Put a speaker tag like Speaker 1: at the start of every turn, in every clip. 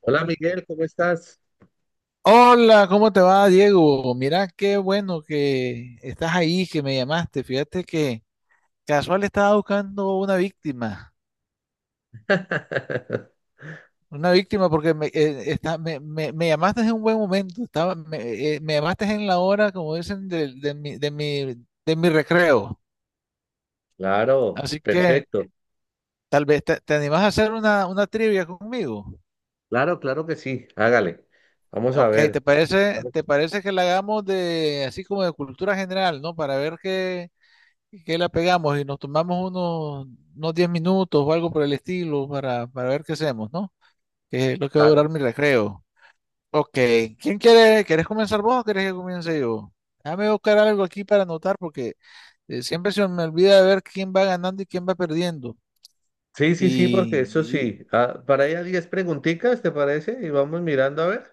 Speaker 1: Hola Miguel, ¿cómo estás?
Speaker 2: Hola, ¿cómo te va, Diego? Mira, qué bueno que estás ahí, que me llamaste. Fíjate que casual estaba buscando una víctima porque me, está- me- me llamaste en un buen momento, me llamaste en la hora, como dicen, de mi recreo.
Speaker 1: Claro,
Speaker 2: Así que
Speaker 1: perfecto.
Speaker 2: tal vez te animás a hacer una trivia conmigo.
Speaker 1: Claro, claro que sí, hágale. Vamos a
Speaker 2: Ok,
Speaker 1: ver.
Speaker 2: ¿te parece,
Speaker 1: Vale.
Speaker 2: te parece que la hagamos de así como de cultura general, ¿no? Para ver qué que la pegamos y nos tomamos unos 10 minutos o algo por el estilo para ver qué hacemos, ¿no? Que es lo que va a
Speaker 1: Claro.
Speaker 2: durar mi recreo. Ok, ¿quién quiere? ¿Querés comenzar vos o querés que comience yo? Déjame buscar algo aquí para anotar porque siempre se me olvida de ver quién va ganando y quién va perdiendo.
Speaker 1: Sí, sí, sí, porque
Speaker 2: Y,
Speaker 1: eso
Speaker 2: y-
Speaker 1: sí. Ah, para allá 10 preguntitas, ¿te parece? Y vamos mirando a ver.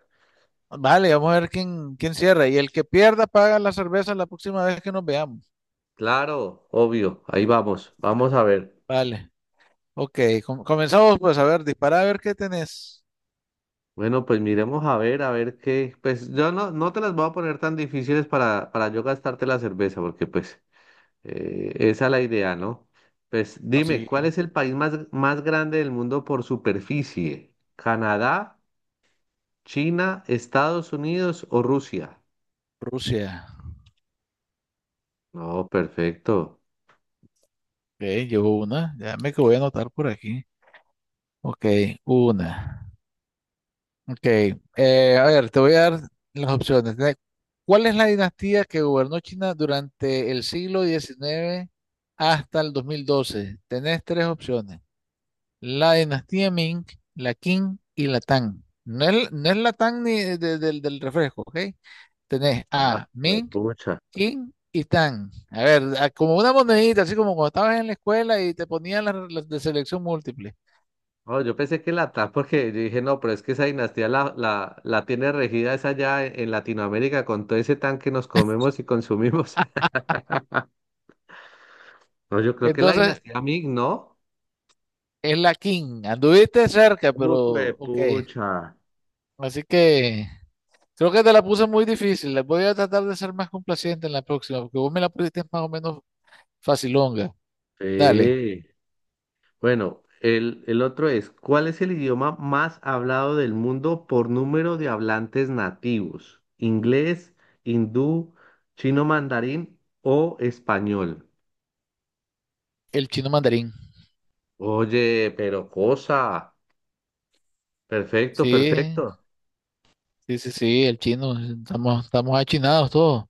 Speaker 2: vale, vamos a ver quién, quién cierra. Y el que pierda paga la cerveza la próxima vez que nos veamos.
Speaker 1: Claro, obvio, ahí vamos, vamos a ver.
Speaker 2: Vale, ok, comenzamos pues a ver, dispara a ver qué tenés.
Speaker 1: Bueno, pues miremos a ver qué. Pues yo no, no te las voy a poner tan difíciles para yo gastarte la cerveza, porque pues esa es la idea, ¿no? Pues dime,
Speaker 2: Así,
Speaker 1: ¿cuál es el país más grande del mundo por superficie? ¿Canadá, China, Estados Unidos o Rusia?
Speaker 2: Rusia.
Speaker 1: No, perfecto.
Speaker 2: Ok, llevo una. Déjame que voy a anotar por aquí. Ok, una. Ok, a ver, te voy a dar las opciones. ¿Cuál es la dinastía que gobernó China durante el siglo XIX hasta el 2012? Tenés tres opciones. La dinastía Ming, la Qing y la Tang. No es la Tang ni del refresco, ¿ok? Tenés
Speaker 1: Ah,
Speaker 2: a
Speaker 1: pues,
Speaker 2: Ming,
Speaker 1: pucha.
Speaker 2: Qing y Tang. A ver, como una monedita, así como cuando estabas en la escuela y te ponían las de selección múltiple.
Speaker 1: Oh, yo pensé que la TAP, porque yo dije, no, pero es que esa dinastía la tiene regida esa allá en Latinoamérica con todo ese tan que nos comemos y consumimos. No, yo creo que la
Speaker 2: Entonces,
Speaker 1: dinastía Ming, ¿no?
Speaker 2: es la King. Anduviste cerca, pero
Speaker 1: Uy,
Speaker 2: ok.
Speaker 1: pucha.
Speaker 2: Así que creo que te la puse muy difícil. La voy a tratar de ser más complaciente en la próxima, porque vos me la pusiste más o menos facilonga. Dale,
Speaker 1: Sí. Bueno, el otro es, ¿cuál es el idioma más hablado del mundo por número de hablantes nativos? ¿Inglés, hindú, chino mandarín o español?
Speaker 2: el chino mandarín.
Speaker 1: Oye, pero cosa. Perfecto,
Speaker 2: Sí,
Speaker 1: perfecto.
Speaker 2: sí, sí, sí, el chino. Estamos achinados todos.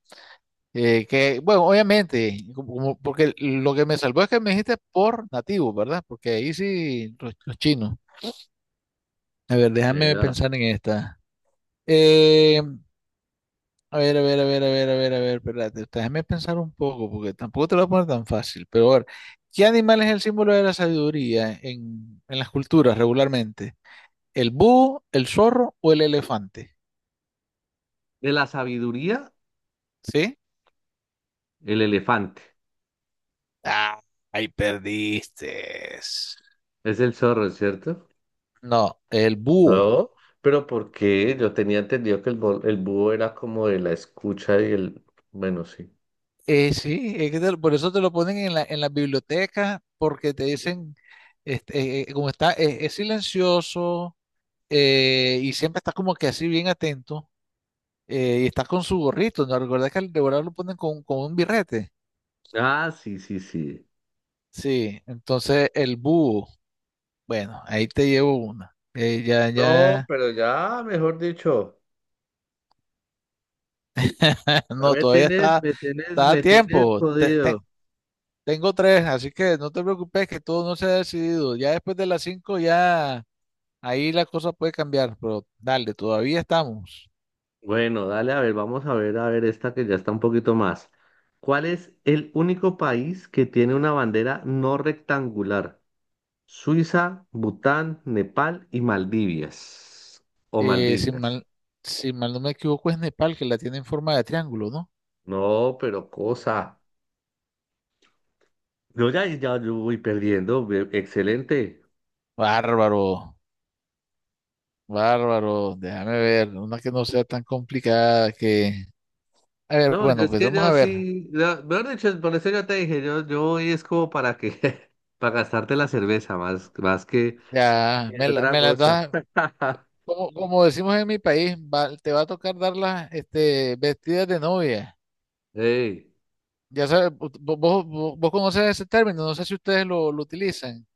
Speaker 2: Que, bueno, obviamente, porque lo que me salvó es que me dijiste por nativo, ¿verdad? Porque ahí sí, los chinos. A ver, déjame
Speaker 1: Vea.
Speaker 2: pensar en esta. Eh, A ver, a ver, a ver, a ver, a ver, a ver, espérate, déjame pensar un poco, porque tampoco te lo voy a poner tan fácil. Pero a ver, ¿qué animal es el símbolo de la sabiduría en las culturas regularmente? ¿El búho, el zorro o el elefante?
Speaker 1: De la sabiduría,
Speaker 2: ¿Sí?
Speaker 1: el elefante.
Speaker 2: Ah, ahí perdiste.
Speaker 1: Es el zorro, ¿cierto?
Speaker 2: No, el búho.
Speaker 1: No, pero ¿por qué? Yo tenía entendido que el búho era como de la escucha y el. Bueno, sí.
Speaker 2: Sí, es que te por eso te lo ponen en la, en las bibliotecas, porque te dicen, es silencioso, y siempre estás como que así bien atento. Y está con su gorrito, ¿no? Recuerda que al devorador lo ponen con un birrete.
Speaker 1: Ah, sí, sí, sí.
Speaker 2: Sí, entonces el búho, bueno, ahí te llevo una.
Speaker 1: No,
Speaker 2: Ya,
Speaker 1: pero ya, mejor dicho, ya
Speaker 2: no,
Speaker 1: me
Speaker 2: todavía
Speaker 1: tienes,
Speaker 2: está,
Speaker 1: me tienes,
Speaker 2: está a
Speaker 1: me tienes
Speaker 2: tiempo.
Speaker 1: jodido.
Speaker 2: Tengo tres, así que no te preocupes que todo no se ha decidido. Ya después de las cinco, ya ahí la cosa puede cambiar, pero dale, todavía estamos.
Speaker 1: Bueno, dale, a ver, vamos a ver esta que ya está un poquito más. ¿Cuál es el único país que tiene una bandera no rectangular? Suiza, Bután, Nepal y Maldivias. O
Speaker 2: Eh, si
Speaker 1: Maldivias.
Speaker 2: mal, si mal no me equivoco, es Nepal que la tiene en forma de triángulo, ¿no?
Speaker 1: No, pero cosa. Yo ya, ya yo voy perdiendo. Excelente.
Speaker 2: Bárbaro. Bárbaro, déjame ver, una que no sea tan complicada que... A ver,
Speaker 1: No, yo
Speaker 2: bueno,
Speaker 1: es
Speaker 2: pues
Speaker 1: que
Speaker 2: vamos a
Speaker 1: yo
Speaker 2: ver.
Speaker 1: sí, mejor dicho, por eso yo te dije, yo voy es como para que, para gastarte la cerveza, más que,
Speaker 2: Ya,
Speaker 1: que otra
Speaker 2: me las
Speaker 1: cosa.
Speaker 2: da, como, como decimos en mi país, te va a tocar darlas este, vestidas de novia.
Speaker 1: Ey,
Speaker 2: Ya sabes, vos conoces ese término, no sé si ustedes lo utilizan.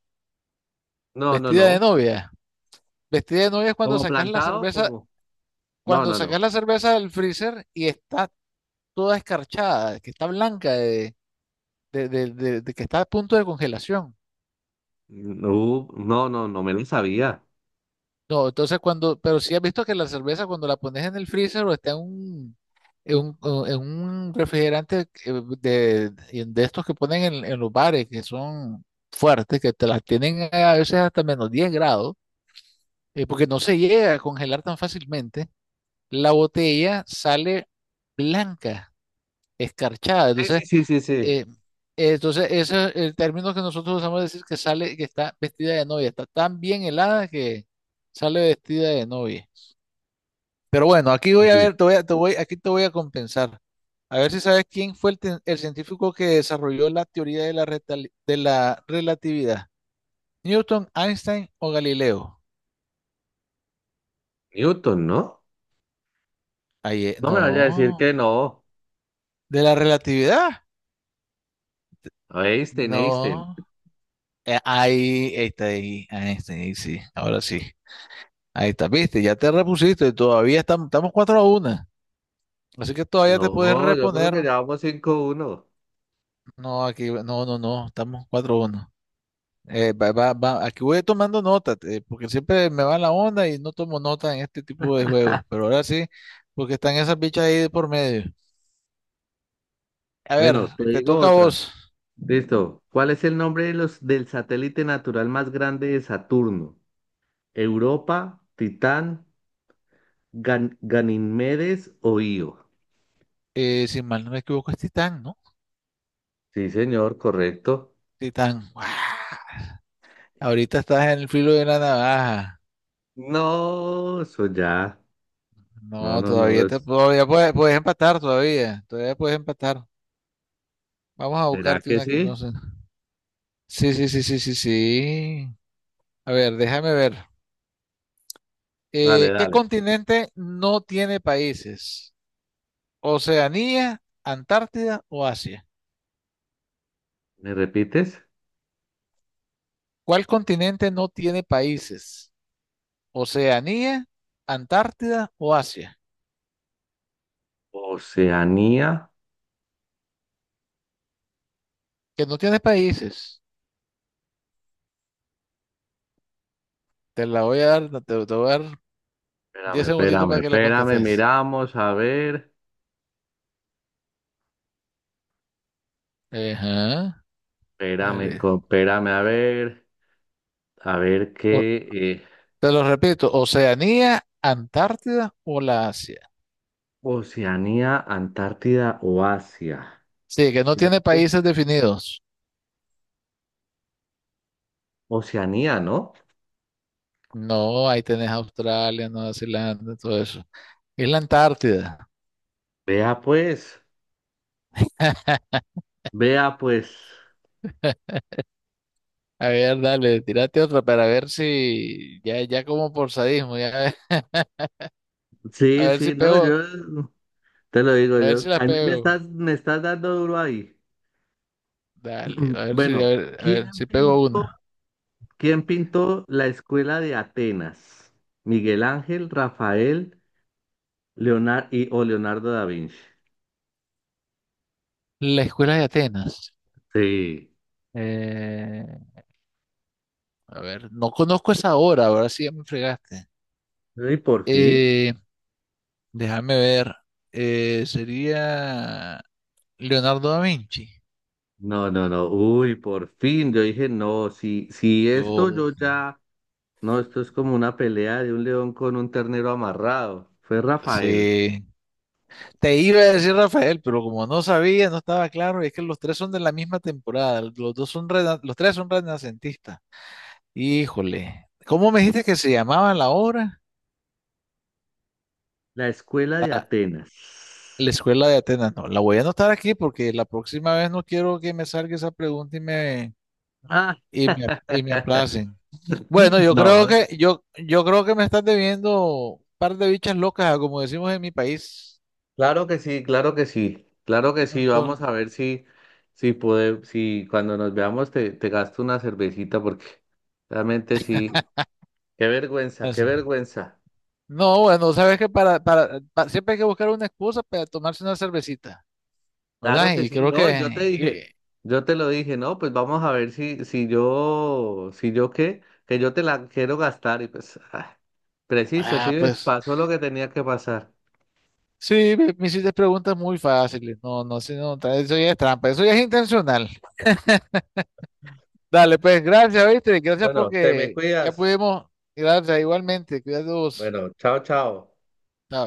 Speaker 1: no, no,
Speaker 2: Vestida de
Speaker 1: no,
Speaker 2: novia. Vestida de novia es cuando
Speaker 1: como
Speaker 2: sacas la
Speaker 1: plantado,
Speaker 2: cerveza,
Speaker 1: como, no,
Speaker 2: cuando
Speaker 1: no, no,
Speaker 2: sacas la cerveza del freezer y está toda escarchada, que está blanca, de que está a punto de congelación.
Speaker 1: no, no, no, no me lo sabía.
Speaker 2: No, entonces cuando, pero sí has visto que la cerveza cuando la pones en el freezer o está en un, o en un refrigerante, de, de estos que ponen en los bares, que son fuertes, que te las tienen a veces hasta -10 grados, porque no se llega a congelar tan fácilmente, la botella sale blanca, escarchada.
Speaker 1: Sí,
Speaker 2: Entonces,
Speaker 1: sí, sí, sí, sí,
Speaker 2: eh, entonces ese es el término que nosotros usamos decir que sale, que está vestida de novia, está tan bien helada que sale vestida de novia. Pero bueno, aquí
Speaker 1: sí,
Speaker 2: voy a
Speaker 1: sí.
Speaker 2: ver, te voy, aquí te voy a compensar. A ver si sabes quién fue el científico que desarrolló la teoría de la relatividad. ¿Newton, Einstein o Galileo?
Speaker 1: Newton, ¿no?
Speaker 2: Ahí,
Speaker 1: No me vaya a decir que
Speaker 2: no.
Speaker 1: no,
Speaker 2: ¿De la relatividad?
Speaker 1: Einstein, Einstein.
Speaker 2: No. Ahí está, ahí, Einstein, ahí sí, ahora sí. Ahí está, viste, ya te repusiste, todavía estamos, estamos 4-1. Así que todavía te puedes
Speaker 1: No, yo creo
Speaker 2: reponer.
Speaker 1: que ya vamos 5-1.
Speaker 2: No, aquí, no, no, no, estamos 4-1. Va, va, va. Aquí voy tomando nota, porque siempre me va la onda y no tomo nota en este tipo de juegos, pero ahora sí, porque están esas bichas ahí de por medio. A ver,
Speaker 1: Bueno, te
Speaker 2: te
Speaker 1: digo
Speaker 2: toca a
Speaker 1: otra.
Speaker 2: vos.
Speaker 1: Listo. ¿Cuál es el nombre de los, del satélite natural más grande de Saturno? ¿Europa, Titán, Ganímedes o Io?
Speaker 2: Si mal no me equivoco, es Titán, ¿no?
Speaker 1: Sí, señor, correcto.
Speaker 2: Titán. ¡Guau! Ahorita estás en el filo de la navaja.
Speaker 1: No, eso ya. No,
Speaker 2: No,
Speaker 1: no, no.
Speaker 2: todavía puedes, puedes empatar, todavía. Todavía puedes empatar. Vamos a
Speaker 1: ¿Será
Speaker 2: buscarte
Speaker 1: que
Speaker 2: una que no
Speaker 1: sí?
Speaker 2: sé. Sí, sí, sí, sí, sí, sí. A ver, déjame ver.
Speaker 1: Dale,
Speaker 2: ¿Qué
Speaker 1: dale.
Speaker 2: continente no tiene países? Oceanía, Antártida o Asia.
Speaker 1: ¿Me repites?
Speaker 2: ¿Cuál continente no tiene países? Oceanía, Antártida o Asia.
Speaker 1: Oceanía.
Speaker 2: Que no tiene países. Te la voy a dar, no, te voy a dar
Speaker 1: Espérame,
Speaker 2: 10 segunditos
Speaker 1: espérame,
Speaker 2: para que la
Speaker 1: espérame.
Speaker 2: contestes.
Speaker 1: Miramos, a ver.
Speaker 2: Ajá,
Speaker 1: Espérame,
Speaker 2: dale.
Speaker 1: espérame, a ver. A ver
Speaker 2: O-
Speaker 1: qué.
Speaker 2: Te lo repito, Oceanía, Antártida o la Asia.
Speaker 1: Oceanía, Antártida o Asia.
Speaker 2: Sí, que no tiene
Speaker 1: ¿Cierto?
Speaker 2: países definidos.
Speaker 1: Oceanía, ¿no?
Speaker 2: No, ahí tenés Australia, Nueva Zelanda, todo eso. Es la Antártida.
Speaker 1: Vea pues, vea pues.
Speaker 2: A ver, dale, tírate otra para ver si ya, ya como por sadismo, ya a
Speaker 1: Sí,
Speaker 2: ver si
Speaker 1: sí, no,
Speaker 2: pego,
Speaker 1: yo te lo digo
Speaker 2: a ver
Speaker 1: yo.
Speaker 2: si la
Speaker 1: A mí me
Speaker 2: pego.
Speaker 1: estás, me estás dando duro ahí.
Speaker 2: Dale,
Speaker 1: Bueno,
Speaker 2: a ver
Speaker 1: ¿quién
Speaker 2: si pego
Speaker 1: pintó,
Speaker 2: una.
Speaker 1: quién pintó la escuela de Atenas? ¿Miguel Ángel, Rafael, Leonardo y, o Leonardo da Vinci?
Speaker 2: La escuela de Atenas.
Speaker 1: Sí.
Speaker 2: Eh, a ver, no conozco esa obra, ahora sí ya me fregaste.
Speaker 1: ¿Y por fin?
Speaker 2: Eh, Déjame ver. Sería Leonardo da Vinci.
Speaker 1: No, no, no. Uy, por fin. Yo dije, no, si esto
Speaker 2: Oh,
Speaker 1: yo ya. No, esto es como una pelea de un león con un ternero amarrado. Fue Rafael.
Speaker 2: sí. Te iba a decir Rafael, pero como no sabía, no estaba claro, y es que los tres son de la misma temporada, los dos son los tres son renacentistas. Híjole, ¿cómo me dijiste que se llamaba la obra?
Speaker 1: La escuela de Atenas.
Speaker 2: La escuela de Atenas. No, la voy a anotar aquí porque la próxima vez no quiero que me salga esa pregunta
Speaker 1: Ah,
Speaker 2: y me aplacen. Bueno, yo creo
Speaker 1: no,
Speaker 2: que yo creo que me estás debiendo un par de bichas locas, como decimos en mi país.
Speaker 1: claro que sí, claro que sí, claro que sí. Vamos
Speaker 2: Entonces,
Speaker 1: a ver si puede, si cuando nos veamos te gasto una cervecita porque realmente sí. Qué vergüenza, qué vergüenza.
Speaker 2: no, bueno, sabes que siempre hay que buscar una excusa para tomarse una cervecita,
Speaker 1: Claro
Speaker 2: ¿verdad?
Speaker 1: que
Speaker 2: Y
Speaker 1: sí,
Speaker 2: creo
Speaker 1: no, yo te
Speaker 2: que, y-
Speaker 1: dije, yo te lo dije, no, pues vamos a ver si yo qué, que yo te la quiero gastar y pues, ah, preciso,
Speaker 2: ah,
Speaker 1: sí, ves,
Speaker 2: pues,
Speaker 1: pasó lo que tenía que pasar.
Speaker 2: sí, me hiciste preguntas muy fáciles. No, no, sí, no, eso ya es trampa, eso ya es intencional. Dale, pues, gracias, ¿viste? Gracias
Speaker 1: Bueno, te me
Speaker 2: porque ya
Speaker 1: cuidas.
Speaker 2: pudimos, gracias, igualmente, cuidados.
Speaker 1: Bueno, chao, chao.
Speaker 2: Chao.